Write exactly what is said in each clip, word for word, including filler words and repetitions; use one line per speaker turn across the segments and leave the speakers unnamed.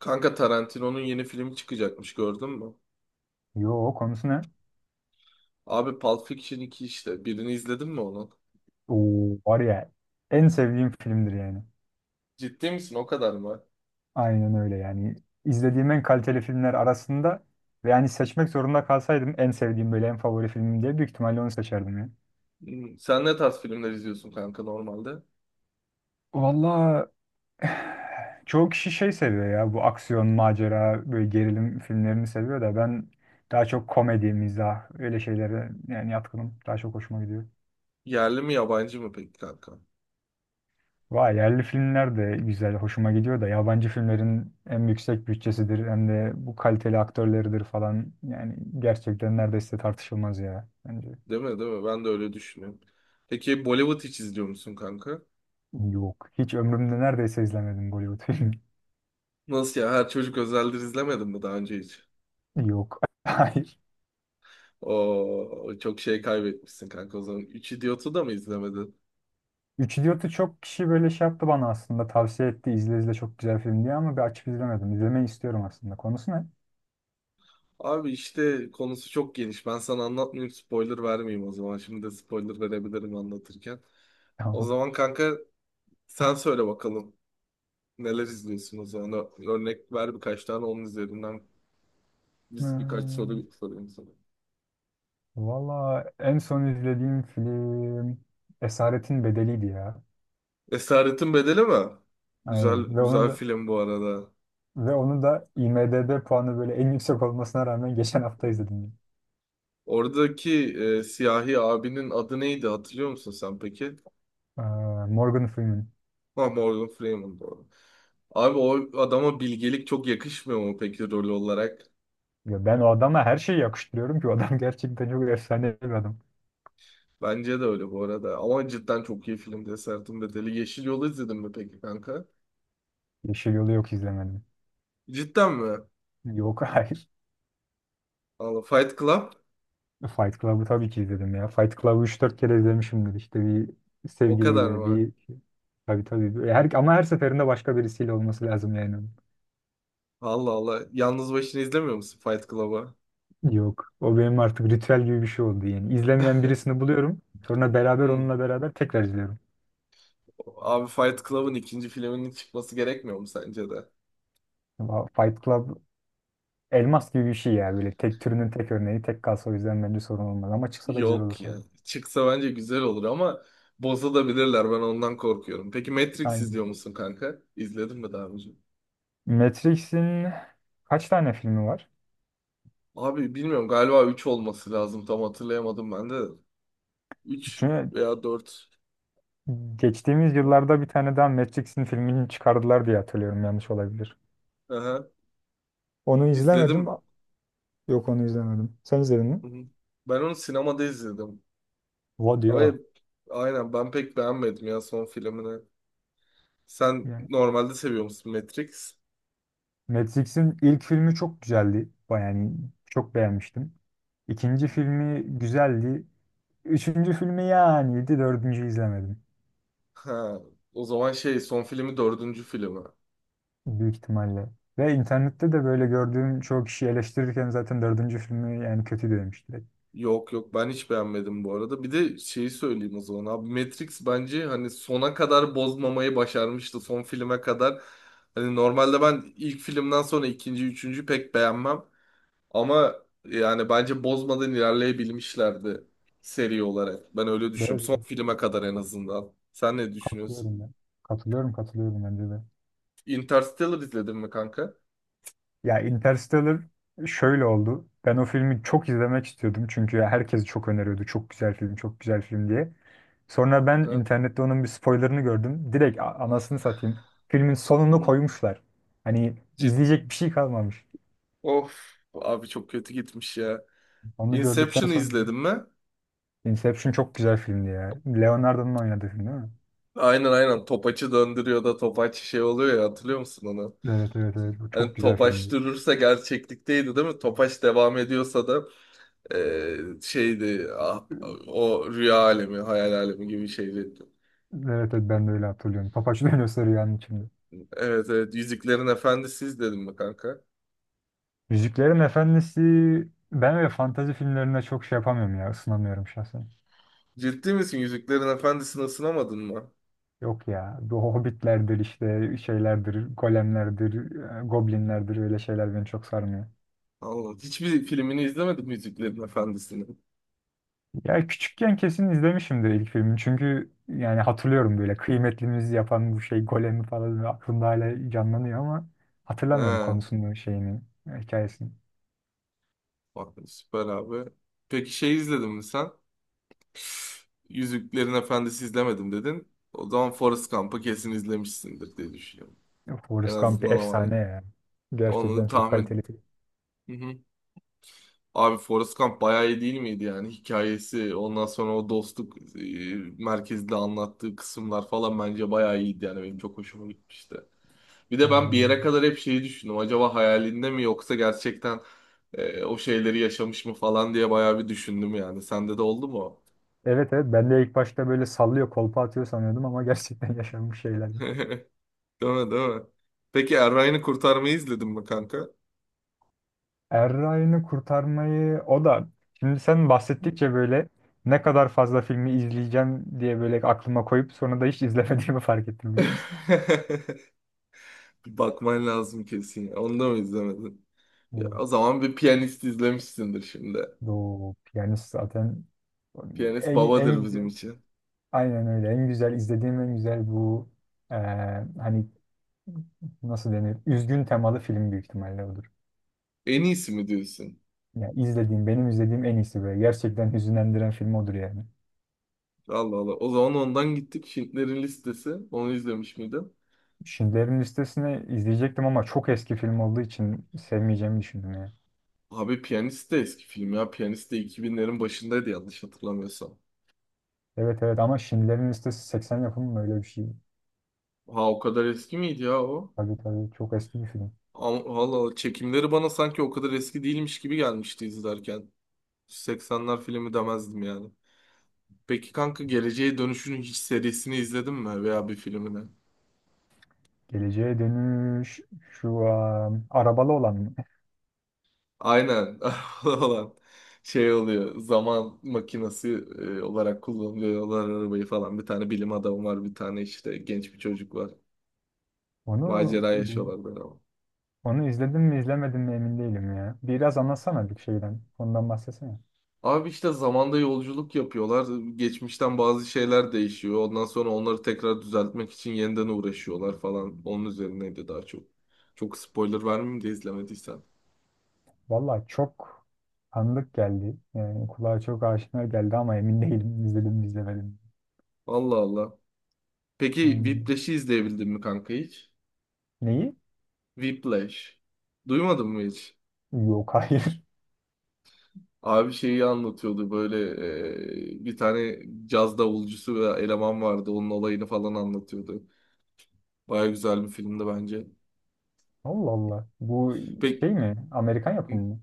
Kanka Tarantino'nun yeni filmi çıkacakmış gördün mü?
Yo konusu ne?
Abi Pulp Fiction iki işte. Birini izledin mi onun?
Oo, var ya en sevdiğim filmdir yani.
Ciddi misin? O kadar mı?
Aynen öyle yani. İzlediğim en kaliteli filmler arasında ve yani seçmek zorunda kalsaydım en sevdiğim böyle en favori filmim diye büyük ihtimalle onu seçerdim ya.
Hmm, sen ne tarz filmler izliyorsun kanka normalde?
Valla çoğu kişi şey seviyor ya bu aksiyon, macera, böyle gerilim filmlerini seviyor da ben daha çok komedi, mizah öyle şeylere yani yatkınım. Daha çok hoşuma gidiyor.
Yerli mi yabancı mı peki kanka?
Vay yerli filmler de güzel, hoşuma gidiyor da yabancı filmlerin hem yüksek bütçesidir hem de bu kaliteli aktörleridir falan. Yani gerçekten neredeyse tartışılmaz ya bence.
Değil mi, değil mi? Ben de öyle düşünüyorum. Peki Bollywood hiç izliyor musun kanka?
Yok, hiç ömrümde neredeyse izlemedim Bollywood filmi.
Nasıl ya? Her çocuk özeldir, izlemedin mi daha önce hiç?
Yok. Hayır.
O çok şey kaybetmişsin kanka o zaman. Üç Idiot'u da mı izlemedin?
Üç Idiot'u çok kişi böyle şey yaptı bana aslında, tavsiye etti izle izle çok güzel film diye, ama bir açıp izlemedim. İzlemeyi istiyorum aslında. Konusu ne?
Abi işte konusu çok geniş. Ben sana anlatmayayım, spoiler vermeyeyim o zaman. Şimdi de spoiler verebilirim anlatırken. O
Tamam.
zaman kanka sen söyle bakalım. Neler izliyorsun o zaman? Ö- Örnek ver birkaç tane onun üzerinden. Biz birkaç
Hmm,
soru sorayım sana.
valla en son izlediğim film Esaretin Bedeli'ydi ya.
Esaretin Bedeli mi? Güzel,
Aynen. Ve onu
güzel
da
film bu arada.
Ve onu da I M D B puanı böyle en yüksek olmasına rağmen geçen hafta izledim.
Oradaki e, siyahi abinin adı neydi hatırlıyor musun sen peki?
Ee, Morgan Freeman.
Ha, Morgan Freeman doğru. Abi o adama bilgelik çok yakışmıyor mu peki rol olarak?
Ya ben o adama her şeyi yakıştırıyorum ki o adam gerçekten çok efsane bir adam.
Bence de öyle bu arada. Ama cidden çok iyi film Desertin Bedeli. Yeşil Yol'u izledin mi peki kanka?
Yeşil Yol'u yok izlemedim.
Cidden mi?
Yok. Hayır.
Allah Fight Club
Fight Club'ı tabii ki izledim ya. Fight Club'ı üç dört kere izlemişimdir. İşte bir
o kadar
sevgiliyle
mı?
bir... Tabii tabii. Her, ama her seferinde başka birisiyle olması lazım yani.
Allah Allah. Yalnız başına izlemiyor musun Fight Club'ı?
Yok. O benim artık ritüel gibi bir şey oldu yani. İzlemeyen birisini buluyorum. Sonra beraber
Hmm.
onunla beraber tekrar izliyorum.
Abi Fight Club'ın ikinci filminin çıkması gerekmiyor mu sence de?
Ama Fight Club elmas gibi bir şey ya, böyle tek türünün tek örneği, tek kalsa o yüzden bence sorun olmaz ama çıksa da güzel olur
Yok ya.
tabii.
Çıksa bence güzel olur ama bozulabilirler. Ben ondan korkuyorum. Peki Matrix
Aynen.
izliyor musun kanka? İzledin mi daha önce?
Matrix'in kaç tane filmi var?
Abi bilmiyorum, galiba üç olması lazım. Tam hatırlayamadım ben de. Üç
Çünkü
veya dört.
geçtiğimiz yıllarda bir tane daha Matrix'in filmini çıkardılar diye hatırlıyorum, yanlış olabilir.
Aha.
Onu
İzledin
izlemedim.
mi?
Yok, onu izlemedim. Sen izledin
Hı
mi?
hı. Ben onu sinemada izledim.
What
Ama
ya.
aynen ben pek beğenmedim ya son filmini. Sen
Yani
normalde seviyor musun Matrix?
Matrix'in ilk filmi çok güzeldi. Baya- Yani çok beğenmiştim. İkinci filmi güzeldi. Üçüncü filmi yani iyiydi. Dördüncü izlemedim.
Ha, o zaman şey son filmi dördüncü filmi.
Büyük ihtimalle. Ve internette de böyle gördüğüm çoğu kişi eleştirirken zaten dördüncü filmi yani kötü demiş direkt.
Yok yok ben hiç beğenmedim bu arada. Bir de şeyi söyleyeyim o zaman abi, Matrix bence hani sona kadar bozmamayı başarmıştı son filme kadar. Hani normalde ben ilk filmden sonra ikinci, üçüncü pek beğenmem. Ama yani bence bozmadan ilerleyebilmişlerdi seri olarak. Ben öyle
De,
düşünüyorum. Son filme kadar en azından. Sen ne düşünüyorsun?
Katılıyorum ben. Katılıyorum katılıyorum bence de.
Interstellar izledin mi kanka?
Ya Interstellar şöyle oldu. Ben o filmi çok izlemek istiyordum, çünkü herkes çok öneriyordu. Çok güzel film, çok güzel film diye. Sonra ben
Ha?
internette onun bir spoilerını gördüm direkt, a- anasını satayım. Filmin sonunu koymuşlar. Hani
Ciddi.
izleyecek bir şey kalmamış.
Of, abi çok kötü gitmiş ya.
Onu gördükten
Inception'ı
sonra
izledin mi?
Inception çok güzel filmdi ya. Leonardo'nun oynadığı film değil mi?
Aynen, aynen topaçı döndürüyor da topaç şey oluyor ya, hatırlıyor musun onu?
Evet evet evet. Bu çok
Hani
güzel
topaç
filmdi.
durursa gerçeklikteydi değil mi? Topaç devam ediyorsa da eee, şeydi ah, o rüya alemi, hayal alemi gibi şeydi.
Evet evet ben de öyle hatırlıyorum. Topaç dönüyor sarı yanın içinde.
Evet evet, Yüzüklerin Efendisi izledim mi kanka?
Yüzüklerin Efendisi, ben öyle fantazi filmlerine çok şey yapamıyorum ya, ısınamıyorum şahsen.
Ciddi misin, Yüzüklerin Efendisi'ni ısınamadın mı?
Yok ya, bu hobbitlerdir işte şeylerdir golemlerdir e, goblinlerdir, öyle şeyler beni çok sarmıyor.
Allah, hiçbir filmini izlemedim Yüzüklerin Efendisi'nin.
Ya küçükken kesin izlemişimdir ilk filmi, çünkü yani hatırlıyorum böyle kıymetlimizi yapan bu şey golemi falan aklımda hala canlanıyor ama hatırlamıyorum
He,
konusunu, şeyini, hikayesini.
bak süper abi. Peki şey izledin mi sen? Yüzüklerin Efendisi izlemedim dedin. O zaman Forrest Gump'ı kesin izlemişsindir diye düşünüyorum.
Ya
En
Forrest Gump bir
azından o var.
efsane ya. Gerçekten
Onu
çok
tahmin
kaliteli film.
et. Abi Forrest Gump bayağı iyi değil miydi yani, hikayesi ondan sonra o dostluk e, merkezde anlattığı kısımlar falan bence bayağı iyiydi yani benim çok hoşuma gitmişti. Bir de ben bir
Aynen öyle.
yere kadar hep şeyi düşündüm, acaba hayalinde mi yoksa gerçekten e, o şeyleri yaşamış mı falan diye bayağı bir düşündüm yani, sende de oldu mu? O?
Evet evet ben de ilk başta böyle sallıyor kolpa atıyor sanıyordum ama gerçekten yaşanmış şeylermiş.
Değil mi, değil mi? Peki Erray'ını kurtarmayı izledin mi kanka?
Er Ryan'ı kurtarmayı, o da şimdi sen bahsettikçe böyle ne kadar fazla filmi izleyeceğim diye böyle aklıma koyup sonra da hiç izlemediğimi fark ettim, biliyor musun?
Bir bakman lazım kesin ya, onu da mı izlemedin? Ya,
Bu,
o zaman bir piyanist izlemişsindir şimdi.
bu piyanist zaten
Piyanist
en,
babadır
en
bizim
güzel,
için.
aynen öyle, en güzel izlediğim en güzel bu eee, hani nasıl denir? Üzgün temalı film, büyük ihtimalle odur.
En iyisi mi diyorsun?
Ya izlediğim, benim izlediğim en iyisi böyle. Gerçekten hüzünlendiren film odur yani.
Allah Allah. O zaman ondan gittik. Şintlerin listesi. Onu izlemiş miydin?
Schindler'in Listesi'ni izleyecektim ama çok eski film olduğu için sevmeyeceğimi düşündüm yani.
Abi Piyanist de eski film ya. Piyanist de iki binlerin başındaydı yanlış hatırlamıyorsam.
Evet evet ama Schindler'in Listesi seksen yapımı mı, öyle bir şey?
Ha, o kadar eski miydi ya o?
Tabii tabii çok eski bir film.
Ama- Allah Allah. Çekimleri bana sanki o kadar eski değilmiş gibi gelmişti izlerken. seksenler filmi demezdim yani. Peki kanka Geleceğe Dönüş'ün hiç serisini izledin mi veya bir filmini?
Geleceğe Dönüş şu an arabalı olan mı?
Aynen olan şey oluyor. Zaman makinesi e, olarak kullanıyorlar arabayı falan. Bir tane bilim adamı var, bir tane işte genç bir çocuk var.
Onu
Macera yaşıyorlar böyle ama.
onu izledim mi izlemedim mi emin değilim ya. Biraz anlatsana bir şeyden. Ondan bahsetsene.
Abi işte zamanda yolculuk yapıyorlar. Geçmişten bazı şeyler değişiyor. Ondan sonra onları tekrar düzeltmek için yeniden uğraşıyorlar falan. Onun üzerineydi daha çok. Çok spoiler vermeyeyim de izlemediysen.
Valla çok tanıdık geldi. Yani kulağa çok aşina geldi ama emin değilim izledim mi izlemedim.
Allah Allah. Peki
Aynen.
Whiplash'i izleyebildin mi kanka hiç?
Neyi?
Whiplash. Duymadın mı hiç?
Yok, hayır.
Abi şeyi anlatıyordu böyle e, bir tane caz davulcusu ve eleman vardı onun olayını falan anlatıyordu. Baya güzel bir filmdi bence.
Allah Allah. Bu
Pek
şey mi? Amerikan yapımı mı?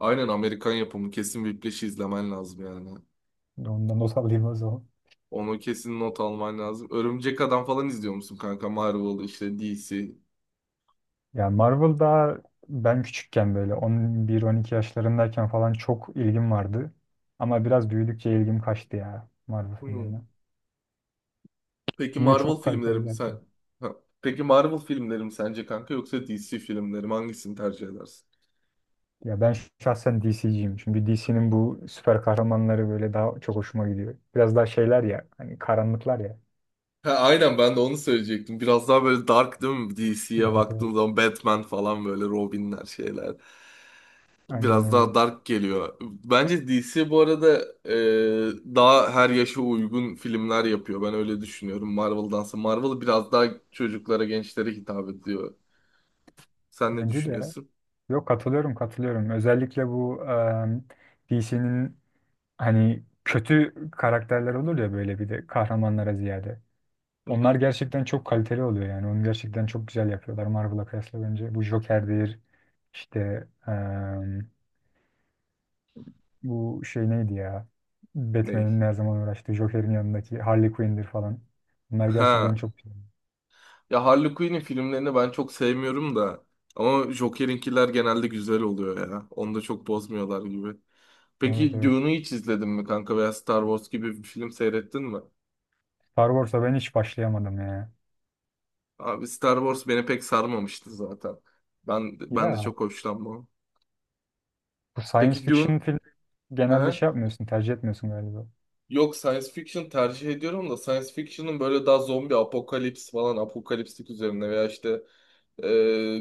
aynen Amerikan yapımı, kesin Whiplash'i izlemen lazım yani.
Ondan not alayım o zaman.
Onu kesin not alman lazım. Örümcek Adam falan izliyor musun kanka? Marvel işte D C.
Ya Marvel, daha ben küçükken böyle on bir on iki yaşlarındayken falan çok ilgim vardı. Ama biraz büyüdükçe ilgim kaçtı ya Marvel
Hmm.
filmlerine.
Peki
Yine
Marvel
çok
filmlerim
kaliteliler.
sen ha, Peki Marvel filmlerim sence kanka yoksa D C filmlerim hangisini tercih edersin?
Ya ben şahsen D C'ciyim. Çünkü D C'nin bu süper kahramanları böyle daha çok hoşuma gidiyor. Biraz daha şeyler ya, hani karanlıklar ya.
Ha, aynen ben de onu söyleyecektim. Biraz daha böyle dark değil mi? D C'ye
Evet, evet.
baktığım zaman Batman falan böyle Robin'ler şeyler.
Aynen
Biraz
öyle.
daha dark geliyor. Bence D C bu arada e, daha her yaşa uygun filmler yapıyor. Ben öyle düşünüyorum Marvel'dansa. Marvel biraz daha çocuklara, gençlere hitap ediyor. Sen ne
Bence de ya.
düşünüyorsun?
Yok, katılıyorum katılıyorum. Özellikle bu D C'nin, hani kötü karakterler olur ya böyle bir de, kahramanlara ziyade.
Hı
Onlar
hı.
gerçekten çok kaliteli oluyor yani. Onu gerçekten çok güzel yapıyorlar Marvel'a kıyasla bence. Bu Joker'dir. İşte bu şey neydi ya?
Ney?
Batman'in ne zaman uğraştığı Joker'in yanındaki Harley Quinn'dir falan. Bunlar
Ha.
gerçekten çok güzel.
Ya Harley Quinn'in filmlerini ben çok sevmiyorum da. Ama Joker'inkiler genelde güzel oluyor ya. Onu da çok bozmuyorlar gibi.
Evet
Peki
evet.
Dune'u hiç izledin mi kanka veya Star Wars gibi bir film seyrettin mi?
Star Wars'a ben hiç başlayamadım ya.
Abi Star Wars beni pek sarmamıştı zaten. Ben ben de
Ya
çok hoşlanmam.
bu science
Peki Dune?
fiction film genelde
Hı.
şey yapmıyorsun, tercih etmiyorsun galiba.
Yok, science fiction tercih ediyorum da science fiction'ın böyle daha zombi apokalips falan apokaliptik üzerine veya işte e,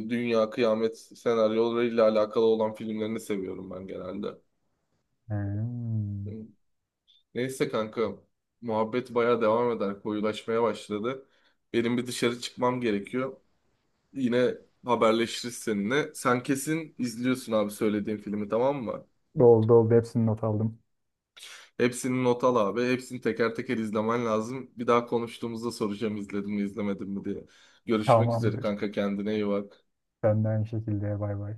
dünya kıyamet senaryolarıyla alakalı olan filmlerini seviyorum ben genelde.
Hmm.
Hı. Neyse kanka muhabbet baya devam eder, koyulaşmaya başladı. Benim bir dışarı çıkmam gerekiyor. Yine haberleşiriz seninle. Sen kesin izliyorsun abi söylediğim filmi, tamam mı?
Oldu oldu hepsini not aldım.
Hepsini not al abi. Hepsini teker teker izlemen lazım. Bir daha konuştuğumuzda soracağım izledim mi izlemedim mi diye. Görüşmek üzere
Tamamdır.
kanka, kendine iyi bak.
Ben de aynı şekilde, bay bay.